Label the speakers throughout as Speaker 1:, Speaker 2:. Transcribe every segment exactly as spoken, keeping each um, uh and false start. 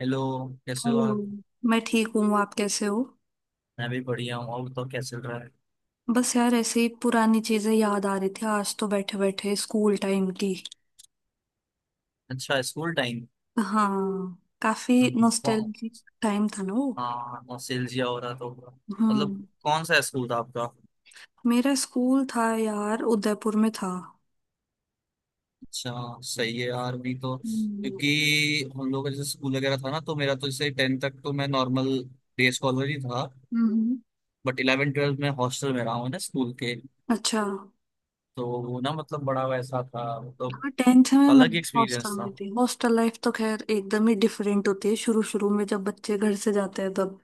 Speaker 1: Hello. कैसे हो
Speaker 2: hello.
Speaker 1: आप।
Speaker 2: मैं ठीक हूँ, आप कैसे हो?
Speaker 1: मैं भी बढ़िया हूँ। और तो क्या चल रहा है।
Speaker 2: बस यार, ऐसे ही पुरानी चीजें याद आ रही थी आज तो, बैठे बैठे स्कूल टाइम की।
Speaker 1: अच्छा। School time.
Speaker 2: हाँ। काफी नॉस्टैल्जिक टाइम था ना वो।
Speaker 1: हाँ, नॉस्टैल्जिया हो रहा तो।
Speaker 2: हम्म।
Speaker 1: मतलब कौन सा स्कूल था आपका।
Speaker 2: मेरा स्कूल था यार, उदयपुर में था।
Speaker 1: अच्छा। सही है यार भी तो,
Speaker 2: हम्म।
Speaker 1: क्योंकि हम लोग का जैसे स्कूल वगैरह था ना, तो मेरा तो जैसे टेंथ तक तो मैं नॉर्मल डे स्कॉलर ही था।
Speaker 2: हम्म।
Speaker 1: बट इलेवन ट्वेल्थ में हॉस्टल में रहा हूँ ना स्कूल के।
Speaker 2: अच्छा।
Speaker 1: तो वो ना, मतलब बड़ा वैसा था, मतलब
Speaker 2: हाँ, टेंथ में मैं
Speaker 1: अलग ही
Speaker 2: हॉस्टल
Speaker 1: एक्सपीरियंस था।
Speaker 2: में थी। हॉस्टल लाइफ तो खैर एकदम ही डिफरेंट होती है शुरू शुरू में, जब बच्चे घर से जाते हैं तब।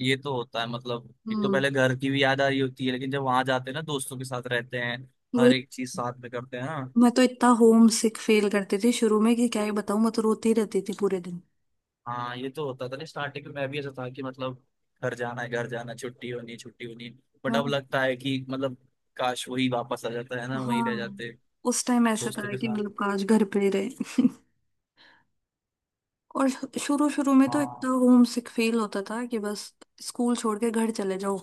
Speaker 1: ये तो होता है, मतलब एक तो
Speaker 2: हम्म।
Speaker 1: पहले घर की भी याद आ रही होती है, लेकिन जब वहां जाते हैं ना, दोस्तों के साथ रहते हैं,
Speaker 2: वही।
Speaker 1: हर एक चीज साथ में करते हैं ना।
Speaker 2: मैं तो इतना होम सिक फील करती थी शुरू में कि क्या ही बताऊं, मैं तो रोती रहती थी पूरे दिन।
Speaker 1: हाँ, ये तो होता था। नहीं, स्टार्टिंग में मैं भी ऐसा था कि मतलब घर जाना है घर जाना है, छुट्टी होनी है छुट्टी होनी है। बट अब
Speaker 2: हाँ।
Speaker 1: लगता है कि मतलब काश वही वापस आ जाता है ना, वही रह
Speaker 2: हाँ,
Speaker 1: जाते
Speaker 2: उस टाइम ऐसा
Speaker 1: दोस्तों
Speaker 2: था
Speaker 1: के
Speaker 2: कि
Speaker 1: साथ।
Speaker 2: मतलब काश घर पे ही रहे। और शुरू शुरू में तो
Speaker 1: हाँ,
Speaker 2: इतना होम सिक फील होता था कि बस स्कूल छोड़ के घर चले जाओ।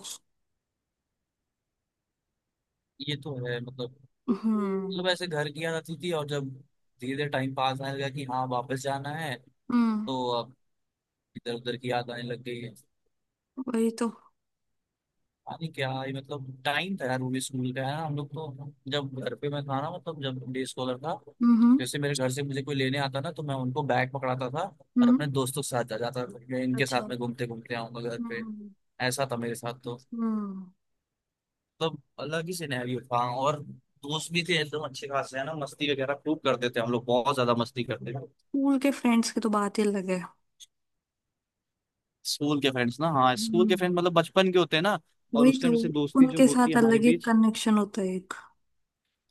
Speaker 1: ये तो है मतलब
Speaker 2: हम्म।
Speaker 1: मतलब ऐसे घर की याद आती थी। और जब धीरे धीरे टाइम पास आने लगा कि हाँ वापस जाना है,
Speaker 2: हम्म।
Speaker 1: तो अब इधर उधर की याद आने लग गई है।
Speaker 2: वही तो।
Speaker 1: अरे क्या ये, मतलब टाइम था यार वो भी स्कूल का। है ना, हम लोग तो जब घर पे, मैं था ना मतलब जब डे स्कॉलर था,
Speaker 2: हम्म।
Speaker 1: जैसे मेरे घर से मुझे कोई लेने आता ना तो मैं उनको बैग पकड़ाता था और
Speaker 2: हम्म।
Speaker 1: अपने दोस्तों के साथ जा जाता था, या इनके
Speaker 2: अच्छा।
Speaker 1: साथ में घूमते घूमते आऊंगा घर पे।
Speaker 2: हम्म।
Speaker 1: ऐसा था मेरे साथ तो।
Speaker 2: हम्म।
Speaker 1: मतलब अलग ही सिनेरियो था। और दोस्त भी थे एकदम अच्छे खासे, है ना, मस्ती वगैरह खूब करते थे हम लोग। बहुत ज्यादा मस्ती करते थे।
Speaker 2: स्कूल के फ्रेंड्स की तो बात ही अलग है।
Speaker 1: स्कूल के फ्रेंड्स ना, हाँ स्कूल के
Speaker 2: हम्म।
Speaker 1: फ्रेंड मतलब बचपन के होते हैं ना। और
Speaker 2: वही
Speaker 1: उस
Speaker 2: तो,
Speaker 1: टाइम जैसे दोस्ती जो
Speaker 2: उनके
Speaker 1: होती
Speaker 2: साथ
Speaker 1: है हमारे
Speaker 2: अलग ही
Speaker 1: बीच।
Speaker 2: कनेक्शन होता है एक।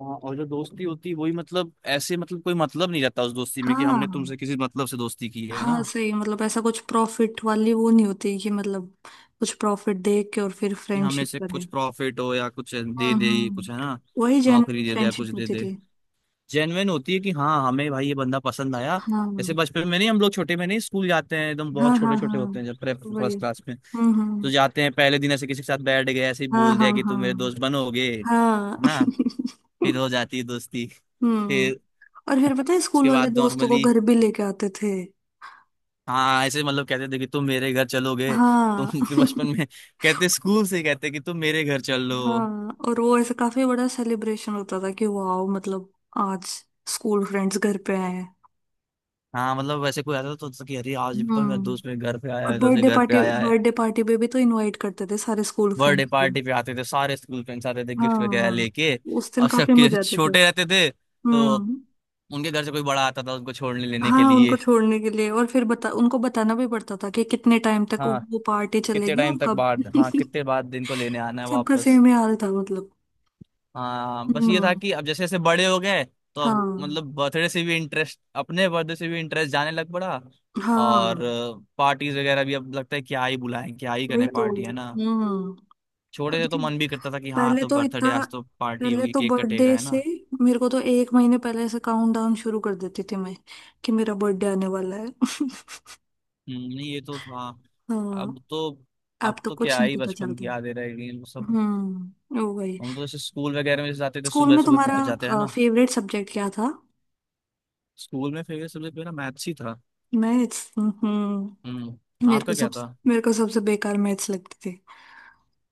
Speaker 1: हाँ, और जो दोस्ती होती है वही, मतलब ऐसे मतलब कोई मतलब नहीं रहता उस दोस्ती में कि हमने तुमसे
Speaker 2: हाँ।
Speaker 1: किसी मतलब से दोस्ती की है ना,
Speaker 2: हाँ सही, मतलब ऐसा कुछ प्रॉफिट वाली वो नहीं होती कि मतलब कुछ प्रॉफिट दे के और फिर
Speaker 1: कि हमें
Speaker 2: फ्रेंडशिप
Speaker 1: से
Speaker 2: करें।
Speaker 1: कुछ प्रॉफिट हो या कुछ
Speaker 2: हाँ।
Speaker 1: दे दे ये
Speaker 2: हाँ।
Speaker 1: कुछ, है ना,
Speaker 2: वही जेन्युइन
Speaker 1: नौकरी दे दे या कुछ
Speaker 2: फ्रेंडशिप
Speaker 1: दे
Speaker 2: होती
Speaker 1: दे।
Speaker 2: थी।
Speaker 1: जेन्युइन होती है कि हाँ हमें भाई ये बंदा पसंद आया। जैसे
Speaker 2: हाँ।
Speaker 1: बचपन में नहीं, हम लोग छोटे में नहीं स्कूल जाते हैं एकदम बहुत
Speaker 2: हाँ।
Speaker 1: छोटे
Speaker 2: हाँ।
Speaker 1: छोटे
Speaker 2: हाँ।
Speaker 1: होते हैं जब प्रे
Speaker 2: वही।
Speaker 1: फर्स्ट क्लास में,
Speaker 2: हम्म।
Speaker 1: तो
Speaker 2: हम्म।
Speaker 1: जाते हैं पहले दिन ऐसे किसी के साथ बैठ गए, ऐसे ही
Speaker 2: हाँ।
Speaker 1: बोल
Speaker 2: हाँ।
Speaker 1: दिया कि तुम मेरे दोस्त
Speaker 2: हाँ।
Speaker 1: बनोगे, है
Speaker 2: हाँ।
Speaker 1: ना, फिर हो जाती है दोस्ती।
Speaker 2: हम्म।
Speaker 1: फिर
Speaker 2: और फिर पता है, स्कूल
Speaker 1: उसके
Speaker 2: वाले
Speaker 1: बाद
Speaker 2: दोस्तों को
Speaker 1: नॉर्मली।
Speaker 2: घर भी लेके आते थे।
Speaker 1: हाँ, ऐसे मतलब कहते थे कि तुम मेरे घर चलोगे। तुम
Speaker 2: हाँ।
Speaker 1: फिर बचपन में कहते, स्कूल से कहते कि तुम मेरे घर चलो।
Speaker 2: हाँ, और वो ऐसे काफी बड़ा सेलिब्रेशन होता था कि वाओ मतलब, आज स्कूल फ्रेंड्स घर पे आए हैं।
Speaker 1: हाँ, मतलब वैसे कोई आता तो, तो कि अरे आज तो मेरा
Speaker 2: हम्म।
Speaker 1: दोस्त मेरे घर पे आया
Speaker 2: और
Speaker 1: है, दोस्त मेरे
Speaker 2: बर्थडे
Speaker 1: घर पे
Speaker 2: पार्टी
Speaker 1: आया है।
Speaker 2: बर्थडे पार्टी पे भी तो इनवाइट करते थे सारे स्कूल
Speaker 1: बर्थडे
Speaker 2: फ्रेंड्स।
Speaker 1: पार्टी पे आते थे सारे स्कूल फ्रेंड्स, आते थे गिफ्ट वगैरह
Speaker 2: हाँ।
Speaker 1: लेके।
Speaker 2: उस दिन
Speaker 1: और
Speaker 2: काफी
Speaker 1: सबके
Speaker 2: मजे आते थे।
Speaker 1: छोटे रहते थे तो
Speaker 2: हम्म।
Speaker 1: उनके घर से कोई बड़ा आता था उनको छोड़ने लेने के
Speaker 2: हाँ, उनको
Speaker 1: लिए।
Speaker 2: छोड़ने के लिए। और फिर बता उनको बताना भी पड़ता था कि कितने टाइम तक वो
Speaker 1: हाँ,
Speaker 2: वो पार्टी
Speaker 1: कितने
Speaker 2: चलेगी
Speaker 1: टाइम
Speaker 2: और
Speaker 1: तक
Speaker 2: कब।
Speaker 1: बाद, हाँ कितने बाद दिन को लेने आना है
Speaker 2: सबका
Speaker 1: वापस।
Speaker 2: सेम ही हाल था मतलब।
Speaker 1: हाँ, बस ये था
Speaker 2: हम्म।
Speaker 1: कि अब जैसे जैसे बड़े हो गए तो अब
Speaker 2: हाँ।
Speaker 1: मतलब बर्थडे से भी इंटरेस्ट, अपने बर्थडे से भी इंटरेस्ट जाने लग पड़ा। और
Speaker 2: हाँ।
Speaker 1: पार्टीज वगैरह भी अब लगता है क्या ही बुलाएं, क्या ही
Speaker 2: वही
Speaker 1: करें
Speaker 2: तो।
Speaker 1: पार्टी, है ना।
Speaker 2: हम्म।
Speaker 1: छोटे
Speaker 2: खुद
Speaker 1: से तो
Speaker 2: के।
Speaker 1: मन भी करता था कि हाँ
Speaker 2: पहले
Speaker 1: तो
Speaker 2: तो
Speaker 1: बर्थडे
Speaker 2: इतना,
Speaker 1: आज तो पार्टी
Speaker 2: पहले
Speaker 1: होगी,
Speaker 2: तो
Speaker 1: केक कटेगा,
Speaker 2: बर्थडे
Speaker 1: है
Speaker 2: से,
Speaker 1: ना।
Speaker 2: मेरे को तो एक महीने पहले से काउंटडाउन शुरू कर देती थी मैं कि मेरा बर्थडे आने वाला है।
Speaker 1: हम्म, नहीं, ये तो था।
Speaker 2: हाँ।
Speaker 1: अब तो
Speaker 2: अब
Speaker 1: अब
Speaker 2: तो
Speaker 1: तो
Speaker 2: कुछ
Speaker 1: क्या
Speaker 2: नहीं
Speaker 1: ही
Speaker 2: पता
Speaker 1: बचपन
Speaker 2: चलता।
Speaker 1: की यादें रह गई हैं वो सब।
Speaker 2: हम्म। वो वही।
Speaker 1: हम तो जैसे स्कूल वगैरह में जैसे जाते थे,
Speaker 2: स्कूल
Speaker 1: सुबह
Speaker 2: में
Speaker 1: सुबह पहुंच जाते हैं
Speaker 2: तुम्हारा
Speaker 1: ना।
Speaker 2: फेवरेट सब्जेक्ट क्या था?
Speaker 1: स्कूल में फेवरेट सब्जेक्ट मेरा मैथ्स ही था।
Speaker 2: मैथ्स। हम्म।
Speaker 1: हम्म।
Speaker 2: मेरे को
Speaker 1: आपका क्या
Speaker 2: सब
Speaker 1: था।
Speaker 2: मेरे को सबसे बेकार मैथ्स लगती थी।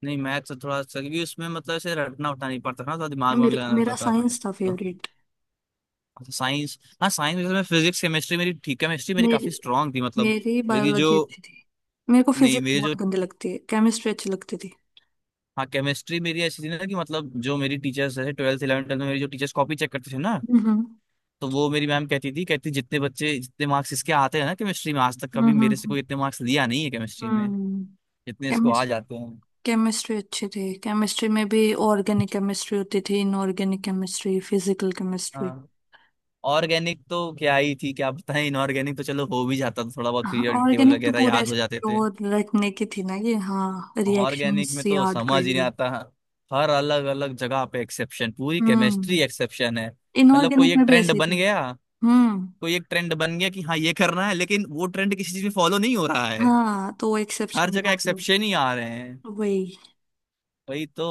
Speaker 1: नहीं, मैथ तो थोड़ा सा, क्योंकि उसमें मतलब ऐसे रटना उठना नहीं पड़ता था ना, थोड़ा दिमाग वाग
Speaker 2: मेरे,
Speaker 1: लगाना
Speaker 2: मेरा
Speaker 1: रहता था
Speaker 2: साइंस था
Speaker 1: तो।
Speaker 2: फेवरेट।
Speaker 1: तो साइंस, हाँ साइंस में मैं फिजिक्स केमिस्ट्री, मेरी ठीक, केमिस्ट्री मेरी
Speaker 2: मेरी
Speaker 1: काफी स्ट्रांग थी मतलब।
Speaker 2: मेरी
Speaker 1: मेरी जो,
Speaker 2: बायोलॉजी अच्छी थी। मेरे को
Speaker 1: नहीं
Speaker 2: फिजिक्स
Speaker 1: मेरी जो,
Speaker 2: बहुत गंदी लगती है, केमिस्ट्री अच्छी लगती थी।
Speaker 1: हाँ केमिस्ट्री मेरी ऐसी थी ना कि मतलब, जो मेरी टीचर्स जैसे ट्वेल्थ इलेवन ट्वेल्थ में मेरी जो टीचर्स कॉपी चेक करते थे ना।
Speaker 2: हम्म।
Speaker 1: तो वो मेरी मैम कहती थी, कहती जितने बच्चे, जितने मार्क्स इसके आते हैं ना केमिस्ट्री में, आज तक कभी मेरे से
Speaker 2: हम्म।
Speaker 1: कोई इतने मार्क्स लिया नहीं है केमिस्ट्री में,
Speaker 2: हम्म।
Speaker 1: जितने इसको आ जाते हैं।
Speaker 2: केमिस्ट्री अच्छी थी। केमिस्ट्री में भी ऑर्गेनिक केमिस्ट्री होती थी, इनऑर्गेनिक केमिस्ट्री, फिजिकल केमिस्ट्री।
Speaker 1: हाँ ऑर्गेनिक तो क्या ही थी, क्या बताएं। इनऑर्गेनिक तो चलो हो भी जाता था, थोड़ा बहुत
Speaker 2: हाँ,
Speaker 1: पीरियड टेबल
Speaker 2: ऑर्गेनिक तो
Speaker 1: वगैरह
Speaker 2: पूरे
Speaker 1: याद हो
Speaker 2: ऐसे
Speaker 1: जाते थे।
Speaker 2: वो रखने की थी ना, ये हाँ
Speaker 1: ऑर्गेनिक
Speaker 2: रिएक्शंस
Speaker 1: में तो
Speaker 2: याद कर
Speaker 1: समझ ही नहीं
Speaker 2: ली।
Speaker 1: आता, हर अलग अलग जगह पे एक्सेप्शन, पूरी केमिस्ट्री
Speaker 2: हम्म।
Speaker 1: एक्सेप्शन है। मतलब कोई
Speaker 2: इनऑर्गेनिक
Speaker 1: एक
Speaker 2: में भी
Speaker 1: ट्रेंड
Speaker 2: ऐसे ही
Speaker 1: बन
Speaker 2: था।
Speaker 1: गया,
Speaker 2: हम्म।
Speaker 1: कोई एक ट्रेंड बन गया कि हाँ ये करना है, लेकिन वो ट्रेंड किसी चीज में फॉलो नहीं हो रहा है।
Speaker 2: हाँ, तो वो एक्सेप्शन
Speaker 1: हर
Speaker 2: में
Speaker 1: जगह
Speaker 2: डाल दो।
Speaker 1: एक्सेप्शन ही आ रहे हैं,
Speaker 2: वही।
Speaker 1: वही तो।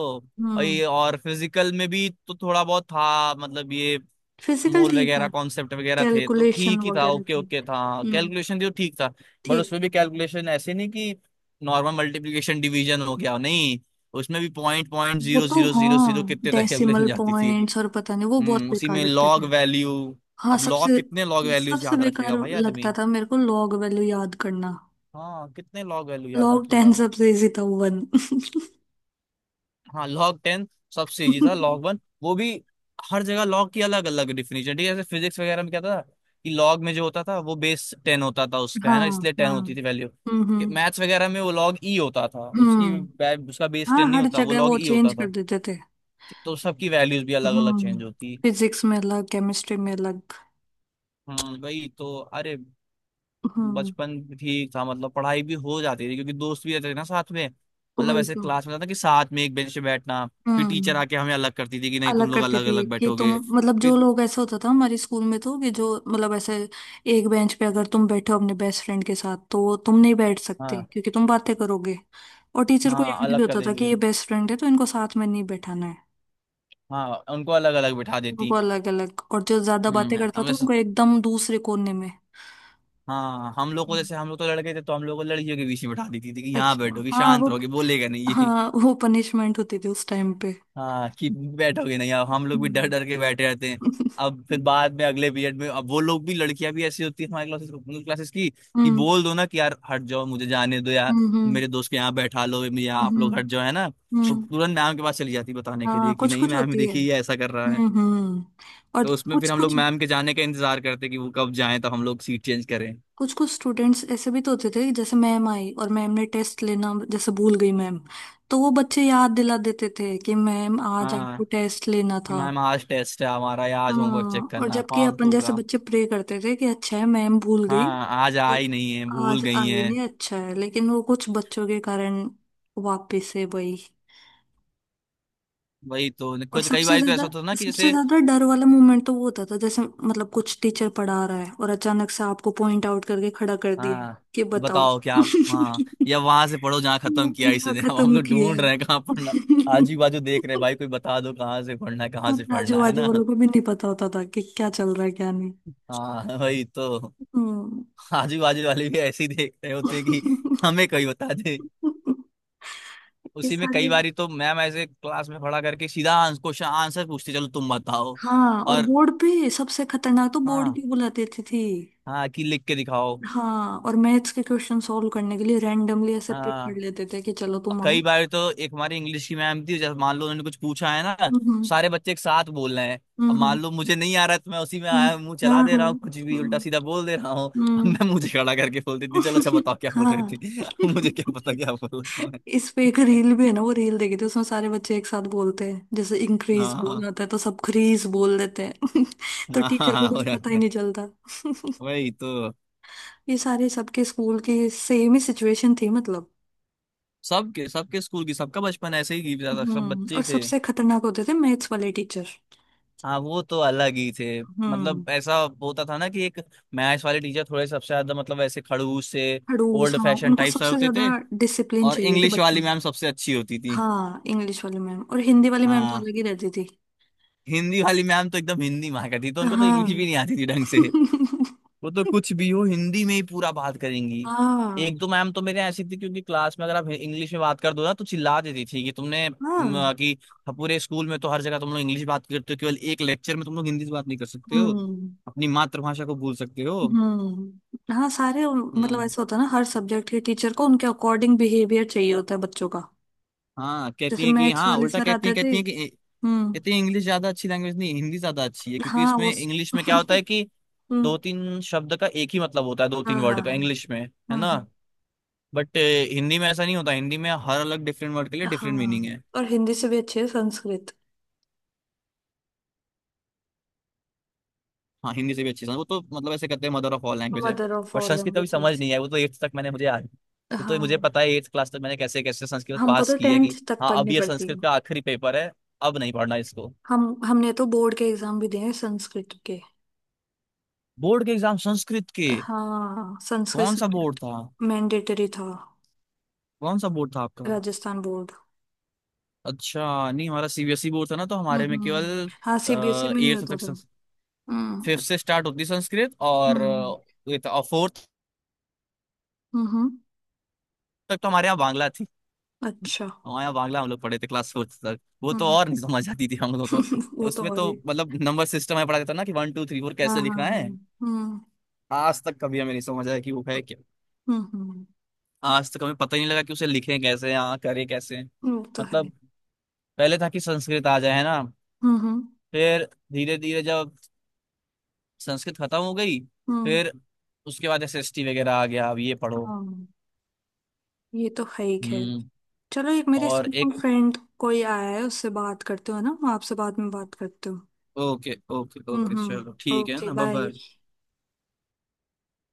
Speaker 1: और
Speaker 2: हम्म।
Speaker 1: ये और फिजिकल में भी तो थोड़ा बहुत था मतलब ये,
Speaker 2: फिजिकल
Speaker 1: मोल
Speaker 2: ठीक था।
Speaker 1: वगैरह कॉन्सेप्ट वगैरह थे तो
Speaker 2: कैलकुलेशन
Speaker 1: ठीक ही था,
Speaker 2: वगैरह
Speaker 1: ओके
Speaker 2: थी।
Speaker 1: ओके था।
Speaker 2: हम्म।
Speaker 1: कैलकुलेशन थी, वो ठीक था। बट
Speaker 2: ठीक
Speaker 1: उसमें भी
Speaker 2: है।
Speaker 1: कैलकुलेशन ऐसे नहीं कि नॉर्मल मल्टीप्लिकेशन डिवीजन हो गया, नहीं उसमें भी पॉइंट पॉइंट
Speaker 2: वो
Speaker 1: जीरो
Speaker 2: तो
Speaker 1: जीरो जीरो जीरो
Speaker 2: हाँ,
Speaker 1: कितने तक कैलकुलेशन
Speaker 2: डेसिमल
Speaker 1: जाती थी।
Speaker 2: पॉइंट्स और पता नहीं, वो बहुत
Speaker 1: हम्म उसी
Speaker 2: बेकार
Speaker 1: में
Speaker 2: लगते थे।
Speaker 1: लॉग वैल्यू,
Speaker 2: हाँ
Speaker 1: अब लॉग,
Speaker 2: सबसे
Speaker 1: कितने लॉग वैल्यूज
Speaker 2: सबसे
Speaker 1: याद
Speaker 2: बेकार
Speaker 1: रखेगा भाई आदमी।
Speaker 2: लगता था मेरे को लॉग वैल्यू याद करना।
Speaker 1: हाँ, कितने लॉग वैल्यू याद
Speaker 2: लॉग
Speaker 1: रखेगा।
Speaker 2: टेन सबसे इजी था, वन।
Speaker 1: हाँ लॉग टेन सबसे इजी था, लॉग वन वो भी। हर जगह लॉग की अलग अलग डिफिनेशन ठीक है। जैसे फिजिक्स वगैरह में क्या था कि लॉग में जो होता था वो बेस टेन होता था उसका,
Speaker 2: हाँ।
Speaker 1: है ना, इसलिए टेन
Speaker 2: हाँ।
Speaker 1: होती थी वैल्यू।
Speaker 2: हम्म। हम्म।
Speaker 1: मैथ्स वगैरह में वो लॉग ई होता था, उसकी
Speaker 2: हम्म।
Speaker 1: बै- उसका बेस
Speaker 2: हाँ,
Speaker 1: टेन नहीं
Speaker 2: हर
Speaker 1: होता, वो
Speaker 2: जगह
Speaker 1: लॉग
Speaker 2: वो
Speaker 1: ई
Speaker 2: चेंज
Speaker 1: होता
Speaker 2: कर
Speaker 1: था।
Speaker 2: देते थे।
Speaker 1: तो सबकी वैल्यूज भी अलग अलग
Speaker 2: हम्म।
Speaker 1: चेंज होती।
Speaker 2: फिजिक्स में अलग, केमिस्ट्री में अलग।
Speaker 1: हम्म वही तो, अरे
Speaker 2: हम्म।
Speaker 1: बचपन ठीक था। मतलब पढ़ाई भी हो जाती थी क्योंकि दोस्त भी रहते थे ना साथ में। मतलब
Speaker 2: वही
Speaker 1: ऐसे
Speaker 2: तो।
Speaker 1: क्लास में था ना कि साथ में एक बेंच पे बैठना। फिर टीचर
Speaker 2: हम्म।
Speaker 1: आके हमें अलग करती थी कि नहीं तुम
Speaker 2: अलग
Speaker 1: लोग
Speaker 2: करती
Speaker 1: अलग
Speaker 2: थी
Speaker 1: अलग
Speaker 2: कि तुम,
Speaker 1: बैठोगे।
Speaker 2: मतलब जो
Speaker 1: फिर,
Speaker 2: लोग, ऐसा होता था हमारे स्कूल में तो कि जो मतलब ऐसे एक बेंच पे अगर तुम बैठे हो अपने बेस्ट फ्रेंड के साथ तो तुम नहीं बैठ सकते
Speaker 1: हाँ
Speaker 2: क्योंकि तुम बातें करोगे। और टीचर को
Speaker 1: हाँ,
Speaker 2: याद भी
Speaker 1: अलग कर
Speaker 2: होता था
Speaker 1: देती
Speaker 2: कि ये
Speaker 1: थी।
Speaker 2: बेस्ट फ्रेंड है तो इनको साथ में नहीं बैठाना है।
Speaker 1: हाँ उनको अलग अलग बैठा
Speaker 2: उनको
Speaker 1: देती।
Speaker 2: अलग अलग, और जो ज्यादा बातें
Speaker 1: हम्म
Speaker 2: करता
Speaker 1: हम
Speaker 2: था
Speaker 1: जैसे
Speaker 2: उनको एकदम दूसरे कोने में।
Speaker 1: हाँ, हम लोग को जैसे, हम लोग तो लड़के थे तो हम लोग को लड़कियों के बीच में बैठा देती थी कि यहाँ
Speaker 2: अच्छा।
Speaker 1: बैठोगे,
Speaker 2: हाँ
Speaker 1: शांत
Speaker 2: वो।
Speaker 1: रहोगे, बोलेगा नहीं।
Speaker 2: हाँ वो पनिशमेंट होती थी उस टाइम पे।
Speaker 1: हाँ कि बैठोगे नहीं, अब हम लोग भी डर
Speaker 2: हम्म।
Speaker 1: डर के बैठे रहते हैं। अब फिर बाद में अगले पीरियड में, अब वो लोग भी, लड़कियां भी ऐसी होती है हमारे क्लासेस क्लासेस की, कि
Speaker 2: हम्म।
Speaker 1: बोल दो ना कि यार हट जाओ, मुझे जाने दो यार,
Speaker 2: हम्म। हम्म।
Speaker 1: मेरे दोस्त के यहाँ बैठा लो, मेरे यहाँ आप
Speaker 2: हम्म।
Speaker 1: लोग हट जाओ, है ना। तो
Speaker 2: हम्म।
Speaker 1: तुरंत मैम के पास चली जाती बताने के
Speaker 2: हाँ,
Speaker 1: लिए कि
Speaker 2: कुछ
Speaker 1: नहीं
Speaker 2: कुछ
Speaker 1: मैम ये
Speaker 2: होती है।
Speaker 1: देखिए ये ऐसा कर रहा है।
Speaker 2: हम्म। हम्म। और
Speaker 1: तो उसमें
Speaker 2: कुछ
Speaker 1: फिर हम लोग
Speaker 2: कुछ।
Speaker 1: मैम के जाने का इंतजार करते कि वो कब जाए तो हम लोग सीट चेंज करें।
Speaker 2: कुछ कुछ स्टूडेंट्स ऐसे भी तो होते थे कि जैसे मैम आई और मैम ने टेस्ट लेना जैसे भूल गई मैम। तो वो बच्चे याद दिला देते थे कि मैम आज
Speaker 1: हाँ
Speaker 2: आपको टेस्ट लेना
Speaker 1: कि
Speaker 2: था।
Speaker 1: मैम आज टेस्ट है हमारा, या आज होमवर्क चेक
Speaker 2: हाँ। और
Speaker 1: करना है
Speaker 2: जबकि अपन
Speaker 1: फालतू
Speaker 2: जैसे
Speaker 1: का।
Speaker 2: बच्चे प्रे करते थे कि अच्छा है मैम भूल गई।
Speaker 1: हाँ, आज
Speaker 2: तो
Speaker 1: आई नहीं है भूल
Speaker 2: आज
Speaker 1: गई
Speaker 2: आई
Speaker 1: है।
Speaker 2: नहीं, अच्छा है, लेकिन वो कुछ बच्चों के कारण वापिस है वही।
Speaker 1: वही तो,
Speaker 2: और
Speaker 1: कुछ कई
Speaker 2: सबसे
Speaker 1: बार तो
Speaker 2: ज्यादा
Speaker 1: ऐसा होता था ना कि
Speaker 2: सबसे
Speaker 1: जैसे।
Speaker 2: ज्यादा डर वाला मोमेंट तो वो होता था जैसे मतलब कुछ टीचर पढ़ा रहा है और अचानक से आपको पॉइंट आउट करके खड़ा कर दिया
Speaker 1: हाँ,
Speaker 2: कि बताओ।
Speaker 1: बताओ क्या। हाँ या वहां से पढ़ो जहाँ खत्म किया
Speaker 2: ना,
Speaker 1: इसने, अब हम
Speaker 2: खत्म
Speaker 1: लोग
Speaker 2: किया
Speaker 1: ढूंढ
Speaker 2: है।
Speaker 1: रहे हैं कहाँ पढ़ना है, आजू बाजू देख रहे हैं, भाई कोई बता दो कहाँ से पढ़ना है,
Speaker 2: और
Speaker 1: कहाँ से
Speaker 2: आजू
Speaker 1: पढ़ना है
Speaker 2: बाजू
Speaker 1: ना।
Speaker 2: वालों को भी नहीं पता होता था कि क्या चल रहा है, क्या नहीं।
Speaker 1: हाँ, वही तो।
Speaker 2: हम्म।
Speaker 1: आजू बाजू वाले भी ऐसे ही देख रहे होते हैं कि हमें कोई बता दे।
Speaker 2: ये
Speaker 1: उसी में कई
Speaker 2: सारे।
Speaker 1: बार तो मैम ऐसे क्लास में खड़ा करके सीधा क्वेश्चन आंसर पूछते, चलो तुम बताओ।
Speaker 2: हाँ, और
Speaker 1: और
Speaker 2: बोर्ड पे सबसे खतरनाक तो, बोर्ड
Speaker 1: हाँ,
Speaker 2: की बुलाते थे थी।
Speaker 1: हाँ कि लिख के दिखाओ।
Speaker 2: हाँ, और मैथ्स के क्वेश्चन सॉल्व करने के लिए रैंडमली ऐसे पिक
Speaker 1: हाँ,
Speaker 2: कर लेते थे कि चलो तुम आओ।
Speaker 1: कई बार तो एक हमारी इंग्लिश की मैम थी, जैसे मान लो उन्होंने कुछ पूछा है ना, तो
Speaker 2: हम्म।
Speaker 1: सारे बच्चे एक साथ बोल रहे हैं। अब
Speaker 2: हम्म। हम्म।
Speaker 1: मान लो मुझे नहीं आ रहा है तो मैं उसी में
Speaker 2: हम्म।
Speaker 1: आया मुंह
Speaker 2: हाँ।
Speaker 1: चला दे
Speaker 2: हाँ।
Speaker 1: रहा हूँ, कुछ भी उल्टा
Speaker 2: हम्म।
Speaker 1: सीधा बोल दे रहा हूँ। अब मैं
Speaker 2: हम्म।
Speaker 1: मुझे खड़ा करके बोल देती, चलो अच्छा बताओ क्या बोल रही
Speaker 2: हाँ।
Speaker 1: थी। मुझे क्या पता क्या बोल रहा हूँ
Speaker 2: इस पे एक
Speaker 1: मैं।
Speaker 2: रील भी है ना, वो रील देखी थी उसमें सारे बच्चे एक साथ बोलते हैं जैसे इंक्रीज बोलना
Speaker 1: हाँ
Speaker 2: होता है तो सब क्रीज बोल देते हैं। तो
Speaker 1: हाँ हाँ
Speaker 2: टीचर को
Speaker 1: हाँ,
Speaker 2: कुछ
Speaker 1: हो
Speaker 2: पता
Speaker 1: जाता
Speaker 2: ही
Speaker 1: है,
Speaker 2: नहीं चलता।
Speaker 1: वही तो।
Speaker 2: ये सारे, सबके स्कूल की सेम ही सिचुएशन थी मतलब।
Speaker 1: सबके सबके स्कूल की, सबका बचपन ऐसे ही की- सब
Speaker 2: हम्म।
Speaker 1: बच्चे
Speaker 2: और
Speaker 1: ही थे।
Speaker 2: सबसे खतरनाक होते थे मैथ्स वाले टीचर।
Speaker 1: हाँ वो तो अलग ही थे।
Speaker 2: हम्म।
Speaker 1: मतलब ऐसा होता था ना कि एक मैथ्स वाले टीचर थोड़े सबसे ज्यादा, मतलब ऐसे खड़ूस से,
Speaker 2: खड़ूस।
Speaker 1: ओल्ड
Speaker 2: हाँ,
Speaker 1: फैशन
Speaker 2: उनको
Speaker 1: टाइप सर
Speaker 2: सबसे
Speaker 1: होते
Speaker 2: ज्यादा
Speaker 1: थे।
Speaker 2: डिसिप्लिन
Speaker 1: और
Speaker 2: चाहिए थे
Speaker 1: इंग्लिश
Speaker 2: बच्चों
Speaker 1: वाली
Speaker 2: में।
Speaker 1: मैम सबसे अच्छी होती थी।
Speaker 2: हाँ, इंग्लिश वाले मैम और हिंदी वाली मैम तो
Speaker 1: हाँ
Speaker 2: अलग ही रहती थी।
Speaker 1: हिंदी वाली मैम तो एकदम हिंदी माँ का थी, तो उनको तो इंग्लिश भी
Speaker 2: हाँ।
Speaker 1: नहीं आती थी ढंग से। वो तो कुछ भी हो हिंदी में ही पूरा बात करेंगी।
Speaker 2: हाँ।
Speaker 1: एक दो मैम तो मेरे ऐसी थी क्योंकि क्लास में अगर आप इंग्लिश में बात कर दो ना तो चिल्ला देती थी कि तुमने म,
Speaker 2: हाँ।
Speaker 1: कि। हाँ, पूरे स्कूल में तो हर जगह तुम लोग इंग्लिश बात करते हो, केवल एक लेक्चर में तुम लोग हिंदी से बात नहीं कर सकते हो।
Speaker 2: हम्म।
Speaker 1: अपनी मातृभाषा को भूल सकते हो।
Speaker 2: हम्म। हाँ, सारे मतलब
Speaker 1: हम्म,
Speaker 2: ऐसा होता है ना, हर सब्जेक्ट के टीचर को उनके अकॉर्डिंग बिहेवियर चाहिए होता है बच्चों का।
Speaker 1: हाँ, कहती
Speaker 2: जैसे
Speaker 1: है कि
Speaker 2: मैथ्स
Speaker 1: हाँ,
Speaker 2: वाले
Speaker 1: उल्टा
Speaker 2: सर
Speaker 1: कहती है
Speaker 2: आते थे।
Speaker 1: कहती है कि।
Speaker 2: हम्म।
Speaker 1: कहती है इंग्लिश ज्यादा अच्छी लैंग्वेज नहीं, हिंदी ज्यादा अच्छी है, क्योंकि
Speaker 2: हाँ वो।
Speaker 1: इसमें
Speaker 2: स-
Speaker 1: इंग्लिश में क्या होता है कि
Speaker 2: हम्म।
Speaker 1: दो तीन शब्द का एक ही मतलब होता है, दो तीन
Speaker 2: हाँ। हाँ।
Speaker 1: वर्ड का
Speaker 2: हाँ।
Speaker 1: इंग्लिश में है
Speaker 2: हम्म।
Speaker 1: ना।
Speaker 2: हम्म।
Speaker 1: बट हिंदी में ऐसा नहीं होता, हिंदी में हर अलग डिफरेंट वर्ड के लिए डिफरेंट मीनिंग
Speaker 2: हाँ,
Speaker 1: है।
Speaker 2: और हिंदी से भी अच्छी है संस्कृत।
Speaker 1: हाँ हिंदी से भी अच्छी समझ, वो तो मतलब ऐसे कहते हैं मदर ऑफ ऑल लैंग्वेज है।
Speaker 2: Mother of
Speaker 1: but
Speaker 2: all
Speaker 1: Sanskrit अभी समझ
Speaker 2: लैंग्वेजेस।
Speaker 1: नहीं आई। वो तो एट्थ तक मैंने मुझे याद, वो तो मुझे
Speaker 2: हाँ,
Speaker 1: पता है एट्थ क्लास तक मैंने कैसे कैसे संस्कृत
Speaker 2: हमको
Speaker 1: पास
Speaker 2: तो
Speaker 1: की है।
Speaker 2: टेंथ
Speaker 1: कि
Speaker 2: तक
Speaker 1: हाँ, अब
Speaker 2: पढ़नी
Speaker 1: ये
Speaker 2: पड़ती है।
Speaker 1: संस्कृत का आखिरी पेपर है, अब नहीं पढ़ना इसको।
Speaker 2: हम हमने तो बोर्ड के एग्जाम भी दिए हैं संस्कृत के।
Speaker 1: बोर्ड के एग्जाम संस्कृत के?
Speaker 2: हाँ, संस्कृत
Speaker 1: कौन सा बोर्ड
Speaker 2: सब्जेक्ट
Speaker 1: था?
Speaker 2: मैंडेटरी था।
Speaker 1: कौन सा बोर्ड था आपका?
Speaker 2: राजस्थान बोर्ड।
Speaker 1: अच्छा, नहीं हमारा C B S E board था ना, तो
Speaker 2: हम्म।
Speaker 1: हमारे में केवल
Speaker 2: हम्म। हाँ, सी बी एस ई में नहीं
Speaker 1: एट्थ
Speaker 2: होता
Speaker 1: तक,
Speaker 2: था। हम्म।
Speaker 1: फिफ्थ से स्टार्ट होती संस्कृत। और
Speaker 2: हम्म।
Speaker 1: फोर्थ
Speaker 2: हम्म। हम्म।
Speaker 1: तक तो हमारे यहाँ बांग्ला थी।
Speaker 2: अच्छा।
Speaker 1: हाँ यार बांग्ला हम लोग पढ़े थे क्लास फोर्थ तक। वो तो
Speaker 2: हम्म।
Speaker 1: और नहीं समझ आती थी हम लोगों को।
Speaker 2: वो तो
Speaker 1: उसमें
Speaker 2: और
Speaker 1: तो
Speaker 2: ही।
Speaker 1: मतलब नंबर सिस्टम है पढ़ा जाता ना कि वन टू थ्री फोर
Speaker 2: हाँ।
Speaker 1: कैसे
Speaker 2: हाँ।
Speaker 1: लिखना
Speaker 2: हाँ।
Speaker 1: है।
Speaker 2: हम्म।
Speaker 1: आज तक कभी हमें नहीं समझ आया कि वो है क्या।
Speaker 2: हम्म। हम्म।
Speaker 1: आज तक हमें पता ही नहीं लगा कि उसे लिखें कैसे, हाँ करें कैसे
Speaker 2: वो तो है।
Speaker 1: मतलब। पहले था कि संस्कृत आ जाए, है ना।
Speaker 2: हम्म। हम्म।
Speaker 1: फिर धीरे धीरे जब संस्कृत खत्म हो गई,
Speaker 2: हम्म।
Speaker 1: फिर उसके बाद एस एस टी वगैरह आ गया, अब ये पढ़ो।
Speaker 2: हाँ, ये तो है ही खैर।
Speaker 1: हम्म।
Speaker 2: चलो, एक मेरे
Speaker 1: और
Speaker 2: स्कूल
Speaker 1: एक,
Speaker 2: फ्रेंड कोई आया है, उससे बात करते हो ना? मैं आपसे बाद में बात करती हूँ।
Speaker 1: ओके ओके
Speaker 2: हम्म।
Speaker 1: ओके, चलो
Speaker 2: हम्म।
Speaker 1: ठीक है
Speaker 2: ओके।
Speaker 1: ना,
Speaker 2: बाय।
Speaker 1: बाय।